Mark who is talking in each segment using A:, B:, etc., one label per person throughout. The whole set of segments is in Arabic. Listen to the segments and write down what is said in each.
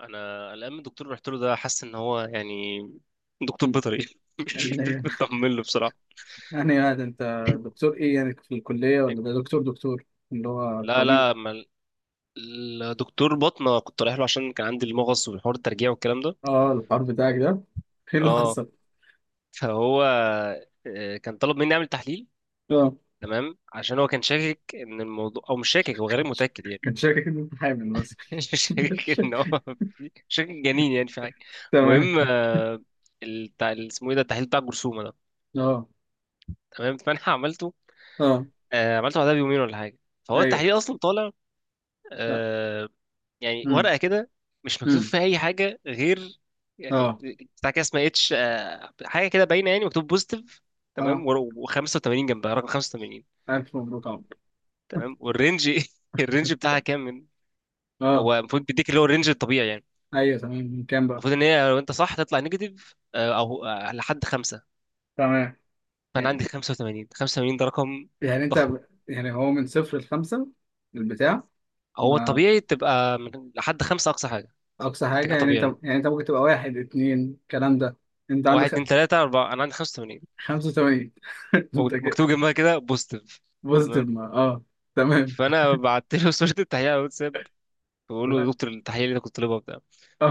A: انا قلقان من الدكتور اللي رحت له ده، حاسس ان هو يعني دكتور
B: مم.
A: بيطري مش مش
B: اللي
A: مطمن له بصراحه.
B: يعني هذا انت دكتور ايه يعني في الكلية ولا ده دكتور دكتور اللي هو
A: لا
B: طبيب؟
A: لا ما الدكتور بطنه كنت رايح له عشان كان عندي المغص والحوار الترجيع والكلام ده.
B: اه، الحوار بتاعك ده، ايه اللي
A: اه،
B: حصل؟
A: فهو كان طلب مني اعمل تحليل،
B: اه،
A: تمام، عشان هو كان شاكك ان الموضوع، او مش شاكك، هو غير متاكد يعني.
B: كان شاكك ان انت حامل مثلا؟
A: شاكك ان هو شاكك جنين يعني، في حاجه.
B: تمام.
A: المهم اسمه ايه ده، التحليل بتاع الجرثومه ده.
B: اه،
A: تمام، فانا عملته.
B: اه،
A: عملته بعدها بيومين ولا حاجه. فهو
B: ايوه.
A: التحليل اصلا طالع
B: لا.
A: آه، يعني
B: امم.
A: ورقه كده مش مكتوب
B: امم.
A: فيها اي حاجه، غير يعني
B: اه.
A: بتاع كده اسمها اتش، حاجه كده باينه، يعني مكتوب بوزيتيف، تمام،
B: اه،
A: و85 جنبها، رقم 85،
B: الف مبروك عمرو.
A: تمام، والرينج الرينج بتاعها كام، من
B: اه،
A: هو المفروض بيديك اللي هو الرينج الطبيعي يعني.
B: ايوه تمام، من كام بقى؟
A: المفروض ان هي لو انت صح تطلع نيجاتيف او لحد خمسة.
B: تمام.
A: فانا
B: يعني
A: عندي 85. 85 ده رقم
B: يعني انت،
A: ضخم.
B: يعني هو من صفر لخمسة البتاع؟
A: هو
B: ما
A: الطبيعي تبقى من لحد خمسة اقصى حاجه،
B: اقصى
A: انت
B: حاجة
A: كده
B: يعني انت،
A: طبيعي،
B: يعني انت ممكن تبقى واحد اتنين الكلام ده. انت
A: واحد
B: عندك
A: اتنين تلاتة أربعة. أنا عندي 85،
B: 85؟ انت كده
A: مكتوب جنبها كده بوزيتيف.
B: بوزيتيف؟
A: تمام،
B: ما اه، تمام.
A: فأنا بعت له صورة التحليل على الواتساب، بقول له يا
B: لا.
A: دكتور التحليل اللي أنت كنت طالبها بتاع،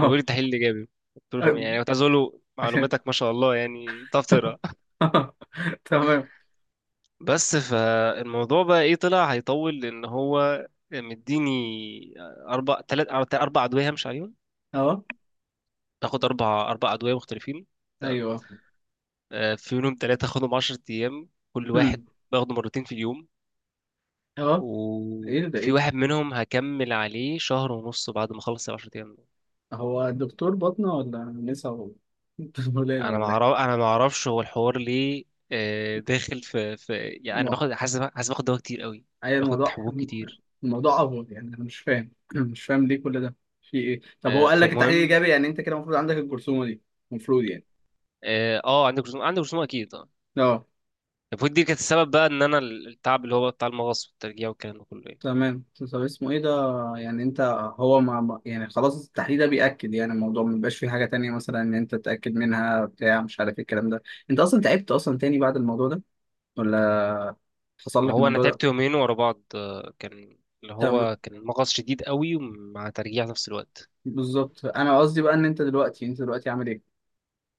A: بيقول لي التحليل الإيجابي. قلت له، يعني كنت عايز أقول له معلوماتك ما شاء الله يعني، بتعرف تقرا.
B: اه. تمام.
A: بس فالموضوع بقى إيه، طلع هيطول، لأن هو مديني أربع أدوية همشي عليهم،
B: اه.
A: تاخد أربع أدوية مختلفين، تمام.
B: ايوه.
A: في منهم تلاتة أخدهم 10 أيام، كل
B: امم.
A: واحد باخده مرتين في اليوم،
B: اه. ايه ده، ايه
A: وفي
B: ده،
A: واحد منهم هكمل عليه شهر ونص بعد ما اخلص العشر ايام دول.
B: هو دكتور باطنة ولا نسا ولا ولادة
A: انا ما
B: ولا ايه؟
A: اعرف، انا ما اعرفش هو الحوار ليه داخل في يعني. انا
B: انا،
A: باخد، حاسس باخد دواء كتير قوي،
B: اي
A: باخد
B: الموضوع،
A: حبوب كتير.
B: الموضوع افضل يعني. انا مش فاهم، مش فاهم ليه كل ده. في ايه؟ طب هو قال لك التحليل
A: فالمهم
B: ايجابي، يعني انت كده المفروض عندك الجرثومة دي؟ المفروض يعني.
A: اه عندك رسوم، عندك رسوم اكيد اه.
B: اه،
A: المفروض دي كانت السبب بقى ان انا التعب اللي هو بتاع المغص والترجيع والكلام ده كله يعني.
B: تمام. طب اسمه ايه ده؟ يعني انت، هو يعني خلاص التحليل ده بيأكد يعني الموضوع، ما بيبقاش فيه حاجة تانية مثلا ان انت تتأكد منها بتاع مش عارف ايه الكلام ده. انت اصلا تعبت اصلا تاني بعد الموضوع ده، ولا حصل
A: ما
B: لك
A: هو انا
B: الموضوع ده؟
A: تعبت يومين ورا بعض، كان اللي
B: تمام.
A: هو كان المغص شديد قوي مع ترجيع في نفس الوقت.
B: بالظبط، انا قصدي بقى ان انت دلوقتي، انت دلوقتي عامل ايه؟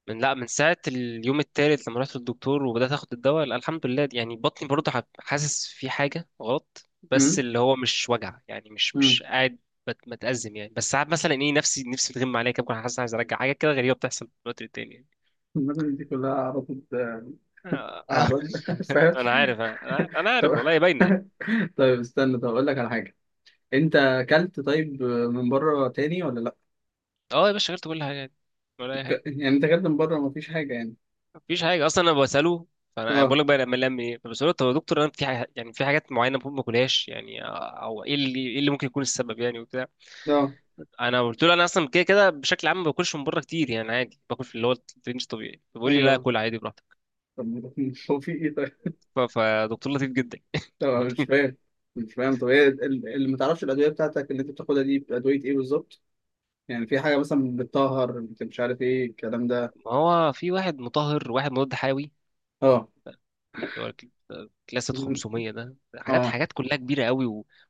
A: من، لا، من ساعة اليوم التالت لما رحت للدكتور وبدأت اخد الدواء، لا الحمد لله يعني، بطني برضه حاسس في حاجة غلط، بس
B: امم.
A: اللي هو مش وجع يعني، مش
B: امم.
A: مش قاعد متأزم يعني، بس ساعات مثلا ايه، نفسي بتغم عليا كده، بكون حاسس عايز ارجع حاجة كده غريبة بتحصل في الوقت التاني يعني.
B: المدن دي كلها عرضت،
A: آه.
B: عرضت. فاهم.
A: انا عارف، انا عارف، أنا
B: طب،
A: عارف والله، هي باينة يعني.
B: طيب استنى، طب اقول لك على حاجة، انت اكلت طيب من بره تاني ولا لا؟
A: اه يا باشا غيرت كل حاجة يعني، ولا اي حاجة.
B: يعني انت اكلت من بره، مفيش حاجة يعني؟
A: مفيش حاجة اصلا. انا بسأله، فانا
B: اه.
A: بقول لك بقى لما لم ايه، فبسأله طب يا دكتور انا في يعني في حاجات معينة المفروض ما اكلهاش يعني، او ايه اللي، ايه اللي ممكن يكون السبب يعني وبتاع.
B: اه.
A: انا قلت له انا اصلا كده كده بشكل عام ما باكلش من بره كتير يعني، عادي باكل في اللي هو الرينج طبيعي، فبيقول لي لا
B: ايوه.
A: كل عادي براحتك.
B: طب هو في ايه طيب؟
A: فدكتور لطيف جدا
B: طب أنا مش
A: يعني.
B: فاهم، مش فاهم. طب هي اللي ما تعرفش، الادويه بتاعتك اللي انت بتاخدها دي ادويه ايه بالظبط؟ يعني في حاجه مثلا بتطهر، مش عارف ايه الكلام ده.
A: ما هو في واحد مطهر وواحد مضاد حيوي،
B: اه.
A: اللي هو ال- كلاسة 500 ده، حاجات
B: اه.
A: حاجات كلها كبيره قوي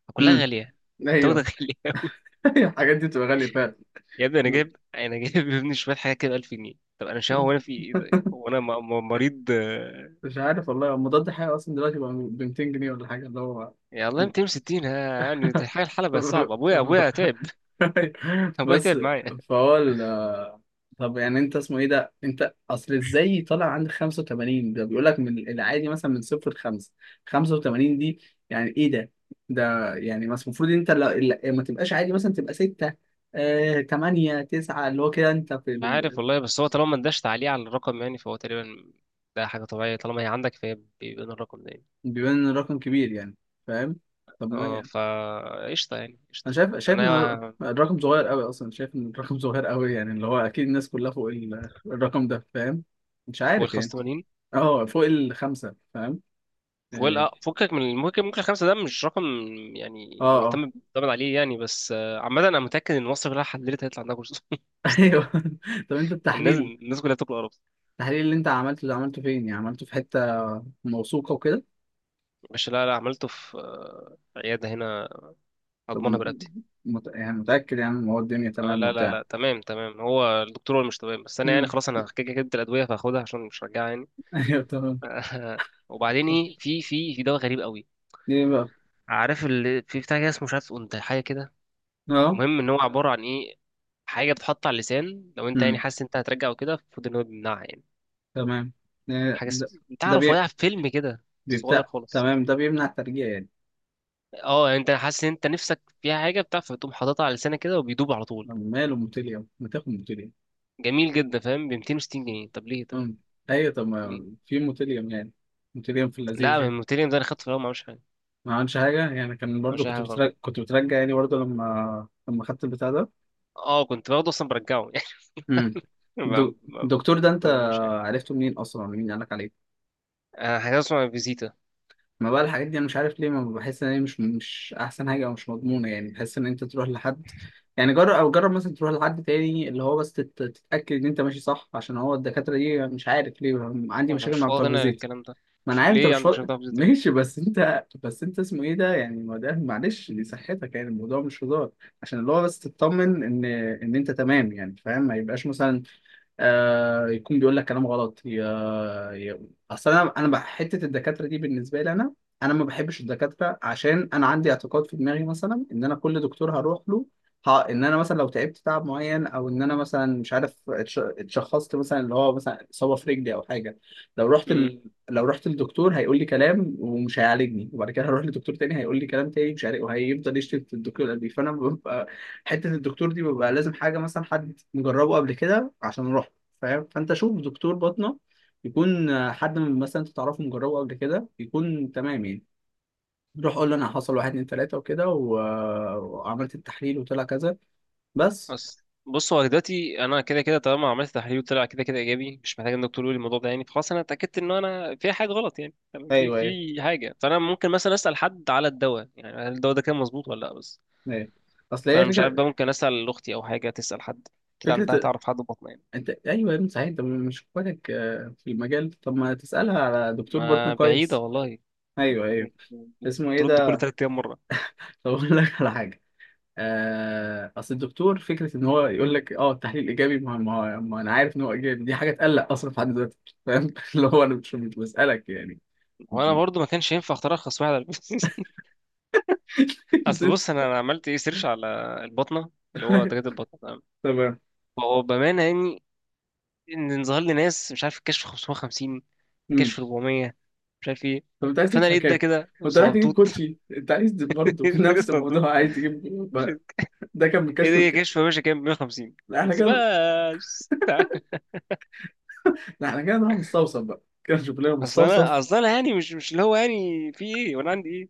A: وكلها
B: امم.
A: غاليه. التوته
B: ايوه.
A: غاليه قوي.
B: أيوة، الحاجات دي بتبقى غاليه فعلا.
A: يا ابني انا جايب، انا جايب يا ابني شويه حاجات كده 1000 جنيه. طب انا مش، هو انا في ايه طيب، هو انا مريض
B: مش عارف والله. هو مضاد حيوي اصلا دلوقتي بقى ب 200 جنيه ولا حاجه، اللي هو
A: يا الله. 260 ها، يعني حاجه الحلبه صعبه. ابويا، ابويا تعب ابويا
B: بس.
A: تعب معايا.
B: فهو، طب يعني انت اسمه ايه ده، انت اصل ازاي طالع عندك 85 ده؟ بيقول لك من العادي مثلا من صفر لخمسة، 85 دي يعني ايه ده؟ ده يعني مثلا المفروض انت ما تبقاش عادي، مثلا تبقى 6 آه 8 9 اللي هو كده، انت في
A: عارف
B: ال...
A: والله، بس هو طالما ما اداش تعليق على الرقم يعني، فهو تقريبا ده حاجة طبيعية، طالما هي عندك فهي بيبان الرقم ده يعني.
B: بيبان ان الرقم كبير يعني. فاهم. طب ما
A: اه،
B: يعني،
A: فا قشطة يعني
B: انا
A: قشطة.
B: شايف، شايف ان
A: أنا
B: الرقم صغير قوي اصلا، شايف ان الرقم صغير قوي يعني، اللي هو اكيد الناس كلها فوق الرقم ده. فاهم. مش
A: فوق ال
B: عارف يعني.
A: 85،
B: اه، فوق الخمسة. فاهم.
A: فوق ال-
B: يعني.
A: اه، فكك من، ممكن ممكن الخمسة ده مش رقم
B: اه.
A: يعني،
B: اه.
A: يعتمد عليه يعني. بس عامة أنا متأكد إن مصر كلها حللت هيطلع عندها كورس أصلا
B: ايوه.
A: يعني.
B: طب انت
A: الناس،
B: التحليل،
A: الناس كلها بتاكل قرف.
B: التحليل اللي انت عملته ده، عملته فين يعني؟ عملته في حتة موثوقة وكده؟
A: مش، لا لا، عملته في عيادة هنا
B: طب
A: أضمنها برقبتي.
B: يعني متأكد يعني ان هو الدنيا
A: اه
B: تمام
A: لا لا
B: وبتاع؟
A: لا تمام، تمام، هو الدكتور هو اللي مش تمام، بس انا يعني
B: امم.
A: خلاص انا كده كده جبت الادويه فهاخدها عشان مش هرجعها يعني.
B: ايوه تمام.
A: وبعدين ايه، في، في دواء غريب قوي،
B: ايه بقى؟
A: عارف اللي في بتاع كده، اسمه مش عارف انت، حاجه كده.
B: اه.
A: المهم ان هو عباره عن ايه، حاجه بتتحط على اللسان لو انت يعني
B: امم.
A: حاسس إن انت هترجع وكده، المفروض ان هو بيمنعها يعني.
B: تمام. إيه
A: حاجه
B: ده؟
A: اس-
B: ده
A: تعرف
B: بي...
A: وقع في فيلم كده صغير
B: بيبتاع.
A: خالص.
B: تمام، ده بيمنع الترجيع يعني.
A: اه يعني انت حاسس ان انت نفسك فيها حاجه بتاع، فتقوم حاططها على لسانك كده وبيدوب على طول.
B: طب ماله موتيليوم، ما تاخد موتيليوم؟
A: جميل جدا، فاهم، ب 260 جنيه. طب ليه طيب،
B: امم. ايوه، طب
A: ليه؟
B: ما في موتيليوم يعني. موتيليوم في
A: لا
B: اللذيذ
A: من
B: يعني.
A: 200 ده، انا خدته في الاول ما عملش حاجه، ما
B: ما عملش حاجة يعني؟ كان برضو،
A: عملش أي
B: كنت
A: حاجه غلط.
B: بترجع، كنت بترجع يعني برضو لما، لما خدت البتاع ده؟
A: اه، كنت باخده اصلا برجعه يعني،
B: امم.
A: ما ما
B: دو-
A: ما- ما
B: الدكتور ده، انت
A: بعملش حاجه.
B: عرفته منين اصلا ولا مين قالك عليه؟
A: حاجه اسمها فيزيتا.
B: ما بقى الحاجات دي، انا مش عارف ليه ما بحس ان هي مش، مش احسن حاجه او مش مضمونه. يعني بحس ان انت تروح لحد، يعني جرب، او جرب مثلا تروح لحد تاني اللي هو بس تتاكد ان انت ماشي صح، عشان هو الدكاتره دي مش عارف ليه عندي
A: ما انا
B: مشاكل
A: مش
B: مع بتوع
A: فاضي انا
B: الغذاء.
A: للكلام ده.
B: ما انا
A: مش،
B: عارف انت
A: ليه
B: مش
A: عندك
B: فاضي
A: شغف في زيت ليه.
B: ماشي، بس انت، بس انت اسمه ايه ده يعني، ما ده معلش دي صحتك يعني، الموضوع مش هزار. عشان اللي هو بس تطمن ان، ان انت تمام يعني. فاهم، ما يبقاش مثلا آه يكون بيقول لك كلام غلط يا، يا، اصل انا، انا حته الدكاتره دي بالنسبه لي انا، انا ما بحبش الدكاتره، عشان انا عندي اعتقاد في دماغي مثلا ان انا كل دكتور هروح له، ها، ان انا مثلا لو تعبت تعب معين، او ان انا مثلا مش عارف اتشخصت مثلا اللي هو مثلا اصابه في رجلي او حاجه، لو رحت
A: امم،
B: ال... لو رحت للدكتور هيقول لي كلام ومش هيعالجني، وبعد كده هروح لدكتور تاني هيقول لي كلام تاني مش عارف، وهيفضل يشتم في الدكتور اللي قبليه. فانا ببقى حته الدكتور دي ببقى لازم حاجه مثلا حد مجربه قبل كده عشان اروح. فاهم؟ فانت شوف دكتور باطنة يكون آه، حد من مثلا انت تعرفه مجربه قبل كده يكون تمام يعني. روح قول له انا حصل واحد اتنين تلاته وكده و... آه، وعملت التحليل وطلع كذا. بس.
A: بس بص، هو دلوقتي انا كده كده طالما عملت تحليل طلع كده كده ايجابي، مش محتاج ان الدكتور يقول لي الموضوع ده يعني، فخلاص انا اتاكدت ان انا في حاجه غلط يعني، تمام، في،
B: ايوه ايوه.
A: في حاجه. فانا ممكن مثلا اسال حد على الدواء يعني، هل الدواء ده كان مظبوط ولا لا، بس.
B: ايوه. اصل هي
A: فانا مش عارف
B: فكره،
A: بقى، ممكن اسال اختي او حاجه، تسال حد كده عندها،
B: فكره.
A: تعرف حد بطنه يعني.
B: انت ايوه يا ابني صحيح، انت مش اخواتك آه، في المجال؟ طب ما تسالها على دكتور باطنة
A: ما بعيده
B: كويس.
A: والله.
B: ايوه ايوه. اسمه ايه
A: ترد كل
B: ده؟
A: تلات ايام مره.
B: طب اقول لك على حاجه، آه، اصل الدكتور فكره ان هو يقول لك اه التحليل ايجابي، ما انا عارف ان هو ايجابي، دي حاجه تقلق اصلا في حد ذاته. فاهم؟ اللي هو انا مش بسالك يعني. مش.
A: وانا برضو ما كانش ينفع اختار ارخص واحد. اصل بص، أنا عملت ايه، سيرش على البطنه، اللي هو دكاتره البطنه تمام.
B: تمام.
A: فهو بامانه يعني، ان ظهر لي ناس، مش عارف، الكشف 550،
B: مم.
A: كشف 400، مش عارف ايه.
B: طب انت عايز
A: فانا
B: تدفع
A: لقيت ده
B: كام؟
A: كده
B: وانت رايح تجيب
A: صغنطوط.
B: كوتشي انت عايز برضه في
A: ده
B: نفس
A: صغنطوط
B: الموضوع عايز تجيب
A: مش،
B: ب- ده كان من
A: ايه
B: كشف
A: ده، هي
B: الكلى.
A: كشف ماشي كام، 150،
B: لا احنا
A: قلت
B: كده،
A: بس.
B: لا احنا كده نروح مستوصف بقى كده، نشوف لنا
A: اصل انا
B: مستوصف.
A: اصل انا يعني، مش اللي هو يعني في ايه وانا عندي ايه.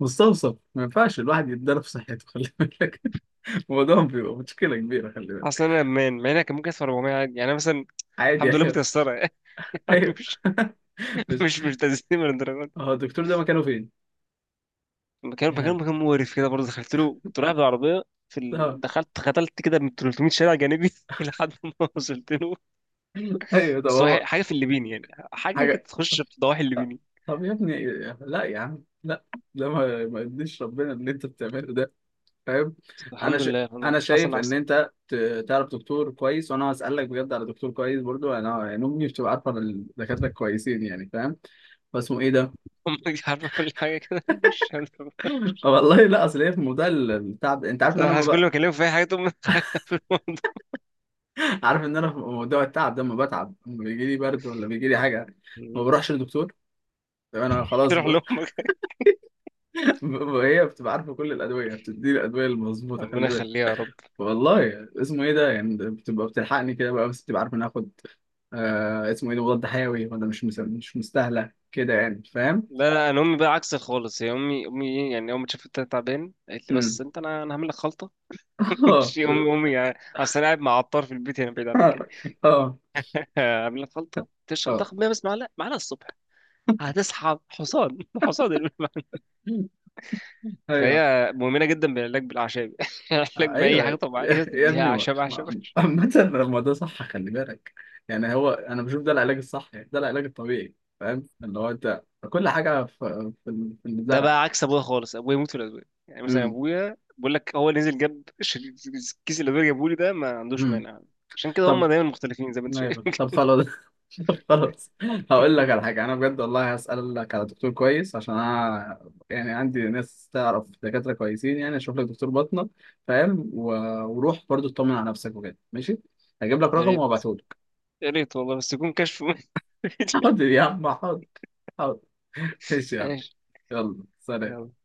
B: مستوصف ما ينفعش الواحد يتضرب في صحته، خلي بالك. الموضوع بيبقى مشكله كبيره، خلي بالك.
A: اصل انا امان، مع انها كان ممكن ادفع 400 عادي يعني، أنا مثلا
B: عادي
A: الحمد لله
B: يعني.
A: متيسره يعني.
B: ايوه.
A: مش
B: بس.
A: مش تزيين من الدرجات.
B: هو الدكتور ده مكانه فين؟
A: مكان مكان
B: يعني.
A: مكان مقرف كده برضه، دخلت له كنت رايح بالعربية، في
B: اه.
A: ال... دخلت ختلت كده من 300 شارع جانبي لحد ما وصلت له.
B: ايوه طب
A: بس هو
B: هو
A: حاجة في الليبيني يعني، حاجة
B: حاجه.
A: كانت تخش في ضواحي الليبيني.
B: طب يا ابني، لا يا عم لا، ده ما ما يرضيش ربنا اللي انت بتعمله ده. فاهم؟ انا
A: الحمد
B: ش...
A: لله، الحمد لله،
B: انا
A: حسن
B: شايف ان
A: أحسن.
B: انت تعرف دكتور كويس. وانا هسألك بجد على دكتور كويس برضو، يعني انا يعني امي بتبقى عارفه إن الدكاتره كويسين يعني. فاهم؟ فاسمه ايه ده؟
A: أمي مش عارفة كل حاجة كده مش عارفة.
B: والله لا، اصل هي في موضوع التعب، انت عارف ان انا
A: صراحة
B: ما
A: كل
B: بق...
A: ما أكلمه في أي حاجة تقوم في الموضوع.
B: عارف ان انا في موضوع التعب ده، ما بتعب لما بيجي لي برد ولا بيجي لي حاجه، ما بروحش للدكتور. ده انا خلاص
A: تروح
B: ب...
A: لأمك.
B: هي بتبقى عارفه كل الادويه، بتدي الادويه المظبوطه،
A: ربنا
B: خلي بالك.
A: يخليها يا رب.
B: والله اسمه ايه ده يعني، ده بتبقى بتلحقني كده بقى، بس بتبقى عارفه إن اخد آه اسمه ايه ده مضاد حيوي ولا مش مستاهله كده يعني. فاهم.
A: لا لا، أنا أمي بقى عكس خالص، هي أمي، أمي إيه يعني، أول ما شافت أنت تعبان قالت لي
B: امم.
A: بس أنت، أنا هعمل لك خلطة.
B: اه.
A: مش أمي، أمي يعني، أصل أنا قاعد مع عطار في البيت هنا بعيد عنك يعني.
B: اه.
A: عاملين خلطه
B: اه.
A: تشرب،
B: آه.
A: تاخد 100 بس، معلقه الصبح هتسحب حصان. حصان المهم.
B: ايوه
A: فهي مؤمنه جدا بالعلاج بالاعشاب علاج باي
B: ايوه.
A: حاجه طبيعيه
B: يا
A: تديها،
B: ابني
A: اعشاب.
B: عامة الموضوع صح، خلي بالك. يعني هو انا بشوف ده العلاج الصح يعني، ده العلاج الطبيعي. فاهم؟ اللي هو انت كل حاجه في في
A: ده
B: الزرع.
A: بقى عكس ابويا خالص، ابويا يموت في الادويه، يعني مثلا
B: امم.
A: ابويا بقول لك هو نزل جاب كيس الادويه جابه لي، ده ما عندوش مانع. عشان كده هم
B: طب،
A: دايما مختلفين زي ما انت شايف.
B: أيوة. طب خلاص. طب خلاص، هقول لك على حاجه انا بجد والله، هسالك على دكتور كويس، عشان انا يعني عندي ناس تعرف دكاتره كويسين يعني، اشوف لك دكتور باطنه. فاهم؟ و... وروح برضو اطمن على نفسك وكده، ماشي؟ هجيب لك
A: يا
B: رقم
A: ريت،
B: وابعته لك.
A: يا ريت والله، بس يكون كشف.
B: حاضر يا عم، حاضر، حاضر، ماشي يا عم.
A: ماشي،
B: يلا سلام.
A: يلا.